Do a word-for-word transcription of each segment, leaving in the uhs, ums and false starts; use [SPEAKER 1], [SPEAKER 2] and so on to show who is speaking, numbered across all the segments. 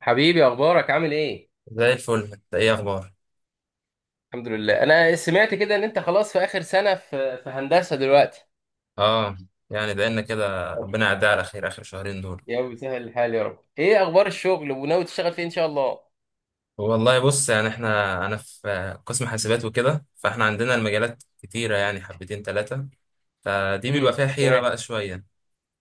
[SPEAKER 1] حبيبي، اخبارك؟ عامل ايه؟
[SPEAKER 2] زي الفل، انت ايه اخبار؟
[SPEAKER 1] الحمد لله. انا سمعت كده ان انت خلاص في اخر سنه في في هندسه دلوقتي.
[SPEAKER 2] اه. يعني بقالنا كده،
[SPEAKER 1] طب،
[SPEAKER 2] ربنا يعدي على خير اخر شهرين دول.
[SPEAKER 1] يا رب يسهل الحال يا رب. ايه اخبار الشغل؟ وناوي تشتغل فين ان شاء الله؟
[SPEAKER 2] والله بص، يعني احنا انا في قسم حاسبات وكده، فاحنا عندنا المجالات كتيره، يعني حبتين ثلاثه. فدي بيبقى
[SPEAKER 1] امم
[SPEAKER 2] فيها حيره
[SPEAKER 1] تمام.
[SPEAKER 2] بقى شويه،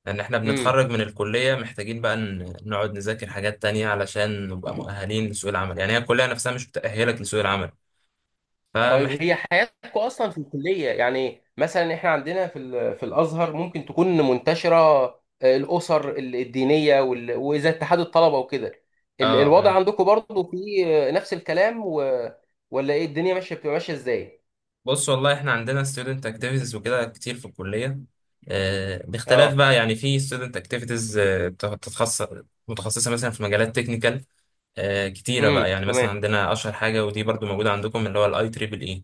[SPEAKER 2] لان احنا
[SPEAKER 1] امم.
[SPEAKER 2] بنتخرج من الكليه محتاجين بقى ن- نقعد نذاكر حاجات تانية علشان نبقى مؤهلين لسوق العمل. يعني هي الكليه نفسها مش بتأهلك لسوق العمل.
[SPEAKER 1] طيب،
[SPEAKER 2] فمحت
[SPEAKER 1] هي حياتكم اصلا في الكليه يعني، مثلا احنا عندنا في ال- في الازهر ممكن تكون منتشره آه، الاسر ال- الدينيه وال- واذا اتحاد الطلبه وكده. ال-
[SPEAKER 2] اه
[SPEAKER 1] الوضع
[SPEAKER 2] اه.
[SPEAKER 1] عندكم برضو في آه، نفس الكلام و... ولا ايه؟ الدنيا ماشيه، بتبقى ماشيه ازاي؟
[SPEAKER 2] بص، والله احنا عندنا student activities وكده كتير في الكلية. آه، باختلاف
[SPEAKER 1] اه.
[SPEAKER 2] بقى، يعني في student activities، آه، بتخ- بتتخصص، متخصصة مثلا في مجالات technical. آه، كتيرة بقى،
[SPEAKER 1] امم
[SPEAKER 2] يعني مثلا
[SPEAKER 1] تمام.
[SPEAKER 2] عندنا أشهر حاجة، ودي برضو موجودة عندكم، اللي هو ال آي تربل إي.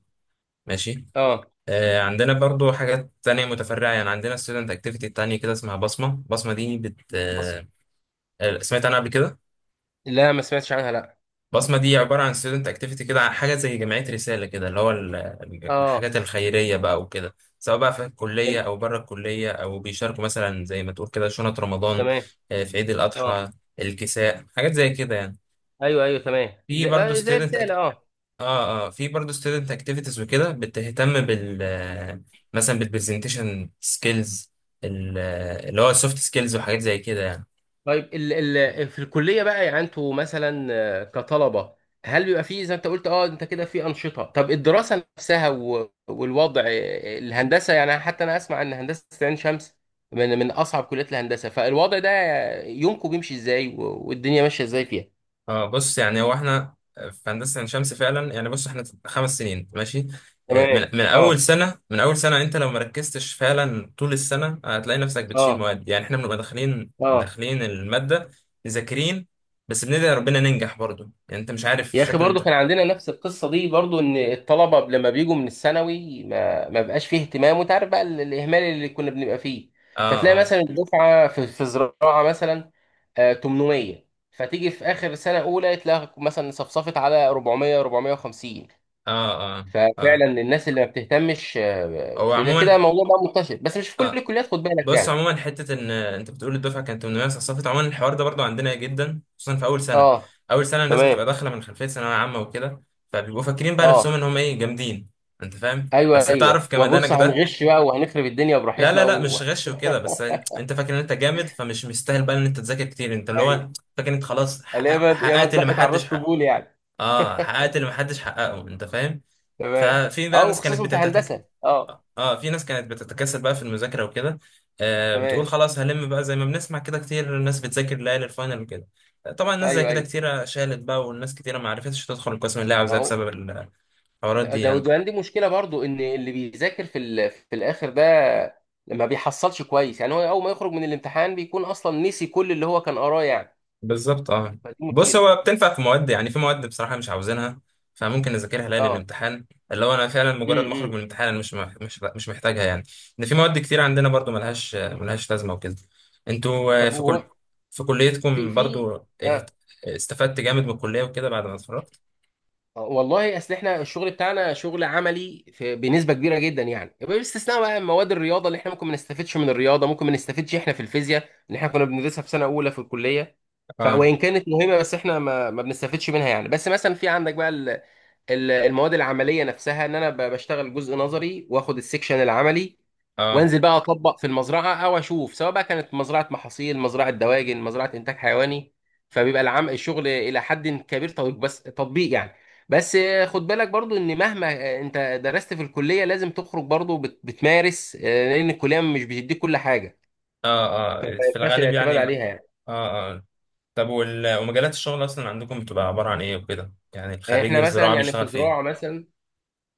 [SPEAKER 2] ماشي.
[SPEAKER 1] اه.
[SPEAKER 2] آه، عندنا برضو حاجات تانية متفرعة، يعني عندنا student activity تانية كده اسمها بصمة. بصمة دي بت
[SPEAKER 1] بص.
[SPEAKER 2] آه، سمعت عنها قبل كده؟
[SPEAKER 1] لا، ما سمعتش عنها، لا.
[SPEAKER 2] بصمة دي عبارة عن ستودنت اكتيفيتي كده، عن حاجة زي جمعية رسالة كده، اللي هو ال- ال-
[SPEAKER 1] اه.
[SPEAKER 2] الحاجات الخيرية بقى وكده، سواء بقى في الكلية
[SPEAKER 1] تم-
[SPEAKER 2] أو بره الكلية، أو بيشاركوا مثلا زي ما تقول كده شنط رمضان،
[SPEAKER 1] تمام.
[SPEAKER 2] آه، في عيد
[SPEAKER 1] اه.
[SPEAKER 2] الأضحى، الكساء، حاجات زي كده يعني.
[SPEAKER 1] ايوه، ايوه، تمام
[SPEAKER 2] في
[SPEAKER 1] زي،
[SPEAKER 2] برضه
[SPEAKER 1] آه، زي
[SPEAKER 2] ستودنت
[SPEAKER 1] رساله.
[SPEAKER 2] أك...
[SPEAKER 1] اه.
[SPEAKER 2] اه اه، في برضه ستودنت اكتيفيتيز وكده، بتهتم بال آه، مثلا بالبرزنتيشن سكيلز، اللي هو السوفت سكيلز وحاجات زي كده يعني.
[SPEAKER 1] طيب، ال ال في الكليه بقى، يعني انتوا مثلا آه، كطلبه، هل بيبقى فيه زي ما انت قلت؟ اه، انت كده في انشطه. طب الدراسه نفسها و- والوضع آه، الهندسه، يعني حتى انا اسمع ان هندسه عين شمس من من اصعب كليات الهندسه، فالوضع ده، يومكم بيمشي ازاي و- والدنيا ماشيه ازاي فيها؟
[SPEAKER 2] اه، بص يعني هو احنا في هندسه عين شمس فعلا. يعني بص، احنا خمس سنين ماشي. آه، من
[SPEAKER 1] تمام.
[SPEAKER 2] من اول
[SPEAKER 1] اه.
[SPEAKER 2] سنه، من اول سنه انت لو مركزتش فعلا طول السنه هتلاقي نفسك بتشيل
[SPEAKER 1] اه.
[SPEAKER 2] مواد. يعني احنا بنبقى داخلين،
[SPEAKER 1] اه.
[SPEAKER 2] داخلين الماده مذاكرين، بس بندعي ربنا ننجح. برضو يعني انت مش عارف
[SPEAKER 1] يا اخي
[SPEAKER 2] شكل
[SPEAKER 1] برضو
[SPEAKER 2] امتحان.
[SPEAKER 1] كان عندنا نفس القصه دي برضو، ان الطلبه لما بيجوا من الثانوي ما ما بقاش فيه اهتمام، وانت عارف بقى ال- الاهمال اللي كنا بنبقى فيه.
[SPEAKER 2] اه
[SPEAKER 1] فتلاقي
[SPEAKER 2] اه
[SPEAKER 1] مثلا الدفعه في, في زراعه مثلا آه، تمنمية، فتيجي في اخر سنه اولى تلاقي مثلا صفصفت على اربعمائة، اربعمائة وخمسين.
[SPEAKER 2] اه اه اه.
[SPEAKER 1] ففعلا الناس اللي ما بتهتمش آه،
[SPEAKER 2] هو
[SPEAKER 1] فده كده
[SPEAKER 2] عموما،
[SPEAKER 1] موضوع بقى منتشر، بس مش في كل
[SPEAKER 2] اه،
[SPEAKER 1] الكليات، خد بالك
[SPEAKER 2] بص
[SPEAKER 1] يعني.
[SPEAKER 2] عموما حته ان انت بتقول الدفعه كانت ثمانمائة صفت، عموما الحوار ده برضو عندنا جدا، خصوصا في اول سنه.
[SPEAKER 1] اه.
[SPEAKER 2] اول سنه الناس
[SPEAKER 1] تمام.
[SPEAKER 2] بتبقى داخله من خلفيه ثانويه عامه وكده، فبيبقوا فاكرين بقى
[SPEAKER 1] اه.
[SPEAKER 2] نفسهم ان هم ايه جامدين. انت فاهم؟
[SPEAKER 1] ايوه،
[SPEAKER 2] بس
[SPEAKER 1] ايوه.
[SPEAKER 2] بتعرف
[SPEAKER 1] وبص،
[SPEAKER 2] كمدانك ده.
[SPEAKER 1] هنغش بقى وهنخرب الدنيا
[SPEAKER 2] لا
[SPEAKER 1] براحتنا
[SPEAKER 2] لا لا،
[SPEAKER 1] و...
[SPEAKER 2] مش غش وكده، بس انت فاكر ان انت جامد، فمش مستاهل بقى ان انت تذاكر كتير. انت اللي هو فاكر انت خلاص حقق-
[SPEAKER 1] اليابا يابا
[SPEAKER 2] حققت اللي
[SPEAKER 1] دقت على الراس
[SPEAKER 2] محدش حقق.
[SPEAKER 1] طبول يعني.
[SPEAKER 2] اه، حققت اللي محدش حققه. انت فاهم؟
[SPEAKER 1] تمام.
[SPEAKER 2] ففي
[SPEAKER 1] اه،
[SPEAKER 2] بقى ناس
[SPEAKER 1] وخصوصا
[SPEAKER 2] كانت.
[SPEAKER 1] في هندسه. اه.
[SPEAKER 2] اه، في ناس كانت بتتكاسل بقى في المذاكره وكده. آه
[SPEAKER 1] تمام.
[SPEAKER 2] بتقول خلاص هلم بقى، زي ما بنسمع كده كتير الناس بتذاكر ليالي الفاينل وكده. آه، طبعا الناس زي
[SPEAKER 1] ايوه،
[SPEAKER 2] كده
[SPEAKER 1] ايوه.
[SPEAKER 2] كتيره شالت بقى، والناس كتيره ما عرفتش تدخل القسم اللي هي
[SPEAKER 1] ما
[SPEAKER 2] عاوزاه
[SPEAKER 1] هو
[SPEAKER 2] بسبب الحوارات دي
[SPEAKER 1] ده
[SPEAKER 2] يعني.
[SPEAKER 1] وده عندي مشكله برضو، ان اللي بيذاكر في ال... في الاخر ده ما بيحصلش كويس يعني. هو اول ما يخرج من الامتحان بيكون اصلا نسي كل اللي هو كان قراه يعني.
[SPEAKER 2] بالظبط اه.
[SPEAKER 1] فدي
[SPEAKER 2] بص،
[SPEAKER 1] مشكله.
[SPEAKER 2] هو بتنفع في مواد، يعني في مواد بصراحة مش عاوزينها، فممكن اذاكرها ليالي
[SPEAKER 1] اه.
[SPEAKER 2] الامتحان. اللي هو انا فعلا مجرد
[SPEAKER 1] امم.
[SPEAKER 2] ما اخرج من
[SPEAKER 1] إمم.
[SPEAKER 2] الامتحان، انا مش مح- مش مش محتاجها يعني. ان في مواد كتير عندنا برضو ملهاش ملهاش لازمة وكده. انتوا آه،
[SPEAKER 1] طب
[SPEAKER 2] في كل
[SPEAKER 1] هو
[SPEAKER 2] في
[SPEAKER 1] في
[SPEAKER 2] كليتكم
[SPEAKER 1] في
[SPEAKER 2] برضو اهت-
[SPEAKER 1] اه
[SPEAKER 2] استفدت جامد من الكلية وكده بعد ما اتخرجت؟
[SPEAKER 1] آه، والله اصل احنا الشغل بتاعنا شغل عملي في بنسبه كبيره جدا يعني، باستثناء بقى مواد الرياضه اللي احنا ممكن ما نستفدش من الرياضه، ممكن ما نستفدش احنا في الفيزياء اللي احنا كنا بندرسها في سنه اولى في الكليه. ف
[SPEAKER 2] اه
[SPEAKER 1] وان كانت مهمه، بس احنا ما, ما بنستفدش منها يعني. بس مثلا في عندك بقى ال- المواد العمليه نفسها، ان انا ب- بشتغل جزء نظري واخد السكشن العملي،
[SPEAKER 2] اه
[SPEAKER 1] وانزل بقى اطبق في المزرعه او اشوف، سواء بقى كانت مزرعه محاصيل، مزرعه دواجن، مزرعه انتاج حيواني. فبيبقى العم الشغل الى حد كبير تطبيق، بس تطبيق يعني. بس آه، خد بالك برضو ان مهما آه، انت درست في الكليه، لازم تخرج برضو بت- بتمارس، آه، لان الكليه مش بتديك كل حاجه.
[SPEAKER 2] اه
[SPEAKER 1] فما
[SPEAKER 2] اه، في
[SPEAKER 1] ينفعش
[SPEAKER 2] الغالب
[SPEAKER 1] الاعتماد
[SPEAKER 2] يعني.
[SPEAKER 1] عليها يعني.
[SPEAKER 2] اه اه. طب، وال- ومجالات الشغل اصلا عندكم بتبقى عبارة عن ايه وكده؟ يعني
[SPEAKER 1] يعني
[SPEAKER 2] خريج
[SPEAKER 1] احنا مثلا
[SPEAKER 2] الزراعة
[SPEAKER 1] يعني في
[SPEAKER 2] بيشتغل في ايه؟
[SPEAKER 1] زراعه مثلا،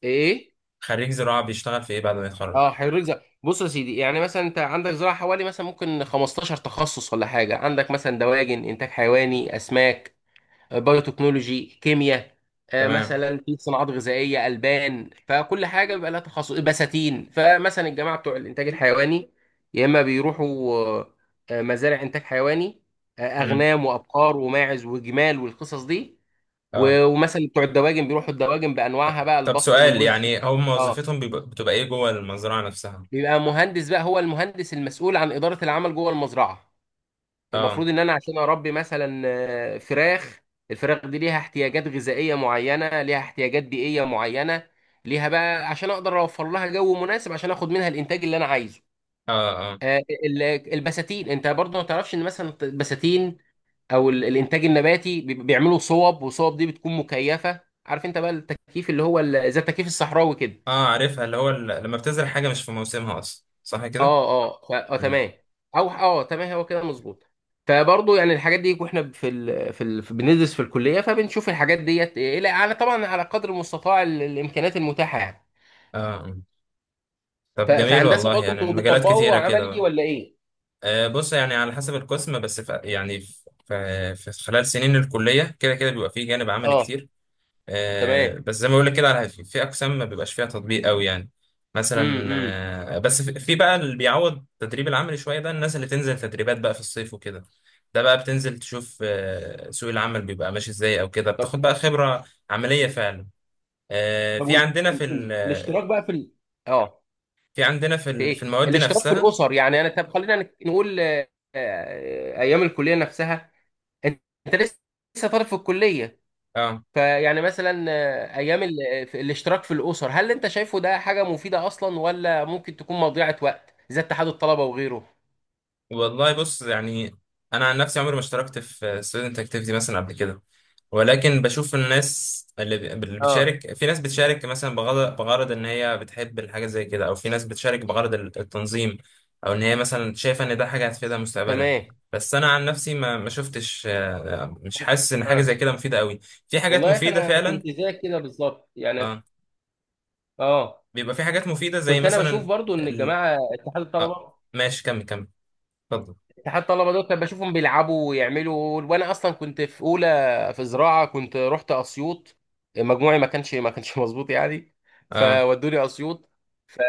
[SPEAKER 1] ايه؟
[SPEAKER 2] خريج زراعة بيشتغل في ايه بعد ما يتخرج؟
[SPEAKER 1] اه، حريق زراعي. بص يا سيدي، يعني مثلا انت عندك زراعه حوالي مثلا ممكن 15 تخصص ولا حاجه. عندك مثلا دواجن، انتاج حيواني، اسماك، آه، بايوتكنولوجي، كيمياء، آه،
[SPEAKER 2] تمام.
[SPEAKER 1] مثلا في صناعات غذائيه، البان. فكل حاجه بيبقى لها تخصص، بساتين. فمثلا الجماعه بتوع الانتاج الحيواني، يا اما بيروحوا آه، آه، مزارع انتاج حيواني، آه،
[SPEAKER 2] امم.
[SPEAKER 1] اغنام وابقار وماعز وجمال والقصص دي.
[SPEAKER 2] اه.
[SPEAKER 1] و- ومثلا بتوع الدواجن بيروحوا الدواجن
[SPEAKER 2] طب
[SPEAKER 1] بانواعها بقى،
[SPEAKER 2] طب
[SPEAKER 1] البط
[SPEAKER 2] سؤال،
[SPEAKER 1] والوز.
[SPEAKER 2] يعني هم
[SPEAKER 1] اه.
[SPEAKER 2] وظيفتهم بيبقى- بتبقى ايه جوه المزرعة نفسها؟
[SPEAKER 1] بيبقى مهندس بقى، هو المهندس المسؤول عن إدارة العمل جوه المزرعة.
[SPEAKER 2] اه
[SPEAKER 1] المفروض ان انا عشان اربي مثلا آه، فراخ، الفراخ دي ليها احتياجات غذائية معينة، ليها احتياجات بيئية معينة، ليها بقى، عشان اقدر اوفر لها جو مناسب عشان اخد منها الانتاج اللي انا عايزه.
[SPEAKER 2] اه اه
[SPEAKER 1] آه، ال- البساتين، انت برضه ما تعرفش ان مثلا البساتين او ال- الانتاج النباتي بي- بيعملوا صوب، والصوب دي بتكون مكيفة. عارف انت بقى التكييف، اللي هو ال- زي التكييف الصحراوي كده.
[SPEAKER 2] اه. عارفها، اللي هو ال- لما بتزرع حاجة مش في موسمها اصلا، صح كده؟
[SPEAKER 1] اه، اه. ف- اه،
[SPEAKER 2] امم.
[SPEAKER 1] تمام. او اه، تمام، هو كده مظبوط. فبرضه يعني الحاجات دي، واحنا في ال... في ال... في- بندرس في الكليه، فبنشوف الحاجات ديت الى على، طبعا على قدر المستطاع ال... الامكانيات المتاحه يعني.
[SPEAKER 2] اه. آه.
[SPEAKER 1] ف...
[SPEAKER 2] طب جميل،
[SPEAKER 1] فهندسه
[SPEAKER 2] والله
[SPEAKER 1] برضه،
[SPEAKER 2] يعني
[SPEAKER 1] انتوا
[SPEAKER 2] المجالات
[SPEAKER 1] بتطبقوا
[SPEAKER 2] كتيرة كده
[SPEAKER 1] عملي
[SPEAKER 2] بقى.
[SPEAKER 1] ولا ايه؟
[SPEAKER 2] آه، بص يعني على حسب القسم. بس في يعني في, في في خلال سنين الكلية كده كده بيبقى فيه جانب عملي
[SPEAKER 1] اه،
[SPEAKER 2] كتير.
[SPEAKER 1] تمام.
[SPEAKER 2] آه، بس زي ما بقول لك كده، على- في في اقسام ما بيبقاش فيها تطبيق قوي يعني.
[SPEAKER 1] امم،
[SPEAKER 2] مثلا
[SPEAKER 1] امم.
[SPEAKER 2] آه، بس في في بقى اللي بيعوض التدريب العملي شويه، ده الناس اللي تنزل تدريبات بقى في الصيف وكده. ده بقى بتنزل تشوف آه، سوق العمل بيبقى ماشي ازاي، او كده
[SPEAKER 1] طب،
[SPEAKER 2] بتاخد بقى خبره عمليه فعلا. آه،
[SPEAKER 1] طب
[SPEAKER 2] في
[SPEAKER 1] وال...
[SPEAKER 2] عندنا
[SPEAKER 1] ال...
[SPEAKER 2] في
[SPEAKER 1] ال...
[SPEAKER 2] ال- آه،
[SPEAKER 1] الاشتراك بقى في ال... اه،
[SPEAKER 2] في عندنا في
[SPEAKER 1] في
[SPEAKER 2] ال- في
[SPEAKER 1] ايه؟
[SPEAKER 2] المواد
[SPEAKER 1] الاشتراك في
[SPEAKER 2] نفسها.
[SPEAKER 1] الاسر، يعني انا، طب خلينا نك- نقول آه، آه، ايام الكليه نفسها، انت لسه طالب في الكليه.
[SPEAKER 2] اه،
[SPEAKER 1] فيعني مثلا آه، ايام ال- في- الاشتراك في الاسر، هل انت شايفه ده حاجه مفيده اصلا ولا ممكن تكون مضيعه وقت زي اتحاد الطلبه وغيره؟
[SPEAKER 2] والله بص يعني انا عن نفسي عمري ما اشتركت في ستودنت اكتيفيتي مثلا قبل كده، ولكن بشوف الناس اللي بي- اللي
[SPEAKER 1] اه.
[SPEAKER 2] بتشارك. في ناس بتشارك مثلا بغرض بغرض ان هي بتحب الحاجه زي كده، او في ناس بتشارك بغرض ال- التنظيم، او ان هي مثلا شايفه ان ده حاجه هتفيدها مستقبلا.
[SPEAKER 1] تمام.
[SPEAKER 2] بس انا عن نفسي ما ما شفتش، آه، مش حاسس ان حاجه
[SPEAKER 1] اه.
[SPEAKER 2] زي كده مفيده قوي. في حاجات
[SPEAKER 1] والله يا اخي،
[SPEAKER 2] مفيده
[SPEAKER 1] انا
[SPEAKER 2] فعلا.
[SPEAKER 1] كنت زيك كده بالظبط يعني.
[SPEAKER 2] اه،
[SPEAKER 1] اه.
[SPEAKER 2] بيبقى في حاجات مفيده زي
[SPEAKER 1] كنت انا بشوف
[SPEAKER 2] مثلا
[SPEAKER 1] برضو ان
[SPEAKER 2] ال...
[SPEAKER 1] الجماعه اتحاد الطلبه،
[SPEAKER 2] آه ماشي، كمل كمل، اتفضل.
[SPEAKER 1] اتحاد الطلبه دول كنت بشوفهم بيلعبوا ويعملوا، وانا اصلا كنت في اولى، في زراعه، كنت رحت اسيوط. مجموعي ما كانش ما كانش مظبوط يعني،
[SPEAKER 2] اه
[SPEAKER 1] فودوني اسيوط. ف...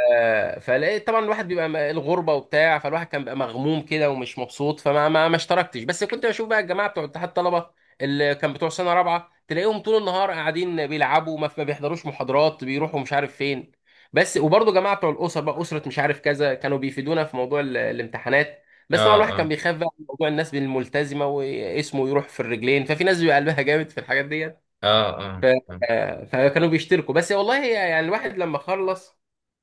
[SPEAKER 1] فلقيت طبعا الواحد بيبقى م- الغربه وبتاع، فالواحد كان بيبقى مغموم كده ومش مبسوط، فما ما, ما اشتركتش. بس كنت بشوف بقى الجماعه بتوع اتحاد الطلبه اللي كان بتوع سنه رابعه، تلاقيهم طول النهار قاعدين بيلعبوا، ما ما بيحضروش محاضرات، بيروحوا مش عارف فين. بس وبرضه جماعه بتوع الاسر بقى، اسره مش عارف كذا، كانوا بيفيدونا في موضوع ال- الامتحانات. بس طبعا الواحد
[SPEAKER 2] اه
[SPEAKER 1] كان
[SPEAKER 2] اه
[SPEAKER 1] بيخاف بقى من موضوع الناس الملتزمه، واسمه يروح في الرجلين، ففي ناس بيبقى قلبها جامد في الحاجات ديت.
[SPEAKER 2] اه اه.
[SPEAKER 1] ف... فكانوا بيشتركوا. بس والله هي يعني، الواحد لما خلص،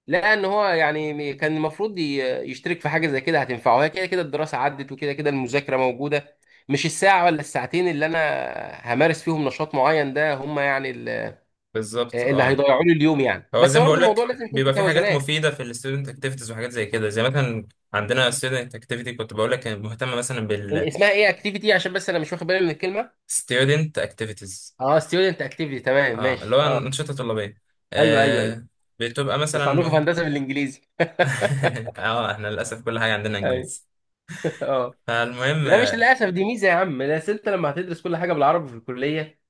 [SPEAKER 1] لقى ان هو يعني كان المفروض ي- يشترك في حاجه زي كده، هتنفعه. هي كده كده الدراسه عدت، وكده كده المذاكره موجوده، مش الساعه ولا الساعتين اللي انا همارس فيهم نشاط معين، ده هم يعني ال-
[SPEAKER 2] بالظبط
[SPEAKER 1] اللي
[SPEAKER 2] اه.
[SPEAKER 1] هيضيعوا لي اليوم يعني.
[SPEAKER 2] هو
[SPEAKER 1] بس
[SPEAKER 2] زي ما
[SPEAKER 1] برضه
[SPEAKER 2] بقول
[SPEAKER 1] الموضوع
[SPEAKER 2] لك،
[SPEAKER 1] لازم يكون في
[SPEAKER 2] بيبقى في حاجات
[SPEAKER 1] توازنات.
[SPEAKER 2] مفيده في الستودنت اكتيفيتيز وحاجات زي كده، زي مثلا عندنا student اكتيفيتي كنت بقول لك مهتمه مثلا
[SPEAKER 1] اسمها ايه اكتيفيتي؟ عشان بس انا مش واخد بالي من الكلمه.
[SPEAKER 2] بالستودنت اكتيفيتيز،
[SPEAKER 1] اه، ستودنت اكتيفيتي، تمام،
[SPEAKER 2] اه، اللي
[SPEAKER 1] ماشي.
[SPEAKER 2] هو
[SPEAKER 1] اه.
[SPEAKER 2] انشطه طلابيه.
[SPEAKER 1] ايوه، ايوه، ايوه.
[SPEAKER 2] آه بتبقى مثلا
[SPEAKER 1] بس عندكم في
[SPEAKER 2] مهت...
[SPEAKER 1] هندسه بالانجليزي؟
[SPEAKER 2] اه، احنا للاسف كل حاجه عندنا
[SPEAKER 1] ايوه.
[SPEAKER 2] انجليزي.
[SPEAKER 1] اه.
[SPEAKER 2] فالمهم
[SPEAKER 1] لا، مش
[SPEAKER 2] اه
[SPEAKER 1] للاسف، دي ميزه يا عم. بس انت لما هتدرس كل حاجه بالعربي في الكليه،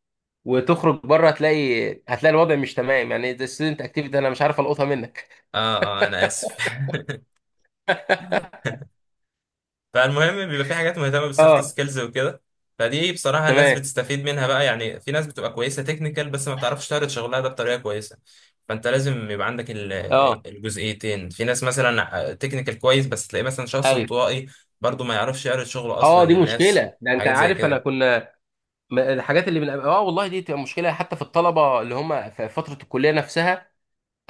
[SPEAKER 1] وتخرج بره، هتلاقي هتلاقي الوضع مش تمام يعني. ده ستودنت اكتيفيتي انا مش عارف القطها منك.
[SPEAKER 2] اه، انا اسف فالمهم بيبقى في حاجات مهتمه بالسوفت
[SPEAKER 1] اه،
[SPEAKER 2] سكيلز وكده، فدي بصراحه الناس
[SPEAKER 1] تمام.
[SPEAKER 2] بتستفيد منها بقى. يعني في ناس بتبقى كويسه تكنيكال، بس ما بتعرفش تعرض شغلها ده بطريقه كويسه. فانت لازم يبقى عندك ال-
[SPEAKER 1] اه.
[SPEAKER 2] الجزئيتين. في ناس مثلا تكنيكال كويس، بس تلاقيه مثلا شخص
[SPEAKER 1] ايوه.
[SPEAKER 2] انطوائي، برضه ما يعرفش يعرض شغله اصلا
[SPEAKER 1] اه، دي
[SPEAKER 2] للناس.
[SPEAKER 1] مشكله. ده انت
[SPEAKER 2] حاجات زي
[SPEAKER 1] عارف، انا
[SPEAKER 2] كده.
[SPEAKER 1] كنا م- الحاجات اللي من اه والله دي تبقى مشكله، حتى في الطلبه اللي هم في فتره الكليه نفسها.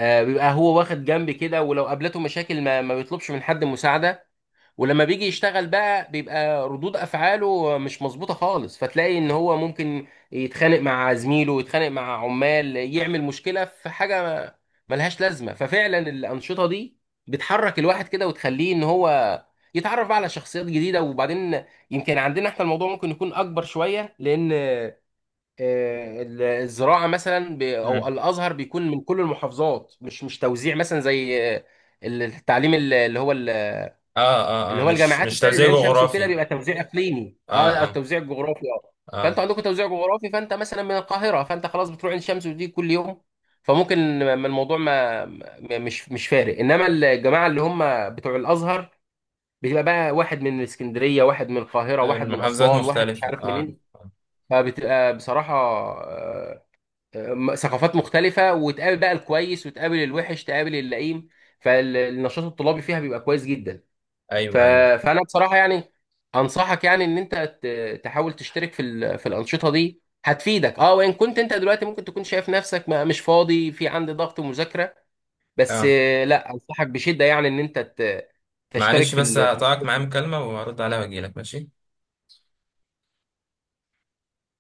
[SPEAKER 1] آه بيبقى هو واخد جنب كده، ولو قابلته مشاكل ما, ما بيطلبش من حد مساعده. ولما بيجي يشتغل بقى، بيبقى ردود افعاله مش مظبوطه خالص، فتلاقي ان هو ممكن يتخانق مع زميله، يتخانق مع عمال، يعمل مشكله في حاجه ملهاش لازمه. ففعلا الانشطه دي بتحرك الواحد كده، وتخليه ان هو يتعرف بقى على شخصيات جديده. وبعدين، يمكن عندنا احنا الموضوع ممكن يكون اكبر شويه، لان آه، ال- الزراعه مثلا ب- او
[SPEAKER 2] مم.
[SPEAKER 1] الازهر، بيكون من كل المحافظات، مش مش توزيع مثلا زي آه، التعليم، اللي هو،
[SPEAKER 2] اه اه
[SPEAKER 1] اللي
[SPEAKER 2] اه،
[SPEAKER 1] هو
[SPEAKER 2] مش
[SPEAKER 1] الجامعات
[SPEAKER 2] مش
[SPEAKER 1] التانية زي
[SPEAKER 2] توزيع
[SPEAKER 1] عين شمس وكده،
[SPEAKER 2] جغرافي.
[SPEAKER 1] بيبقى توزيع اقليمي،
[SPEAKER 2] اه
[SPEAKER 1] اه،
[SPEAKER 2] اه
[SPEAKER 1] التوزيع الجغرافي، اه. فانتوا
[SPEAKER 2] اه،
[SPEAKER 1] عندكم توزيع جغرافي، فانت مثلا من القاهره، فانت خلاص بتروح عين شمس وتيجي كل يوم. فممكن م- الموضوع ما م- مش مش فارق. انما الجماعه اللي هم بتوع الازهر، بتبقى بقى واحد من اسكندريه، واحد من القاهره، واحد من
[SPEAKER 2] المحافظات
[SPEAKER 1] اسوان، واحد مش
[SPEAKER 2] مختلفه
[SPEAKER 1] عارف
[SPEAKER 2] اه.
[SPEAKER 1] منين.
[SPEAKER 2] آه.
[SPEAKER 1] فبتبقى بصراحه آه، آه، م- ثقافات مختلفه، وتقابل بقى الكويس، وتقابل الوحش، تقابل اللئيم. فالنشاط الطلابي فيها بيبقى كويس جدا. ف...
[SPEAKER 2] ايوه ايوه.
[SPEAKER 1] فانا بصراحه يعني انصحك يعني ان انت ت- تحاول تشترك في ال... في الانشطه دي، هتفيدك. اه، وان كنت انت دلوقتي ممكن تكون شايف نفسك ما مش فاضي، في عندي ضغط ومذاكره، بس
[SPEAKER 2] اه.
[SPEAKER 1] آه، لا، انصحك بشده يعني ان انت ت... تشترك
[SPEAKER 2] معلش،
[SPEAKER 1] في
[SPEAKER 2] بس
[SPEAKER 1] ال...
[SPEAKER 2] هقطعك،
[SPEAKER 1] في
[SPEAKER 2] معايا مكالمه وهرد عليها واجيلك، ماشي؟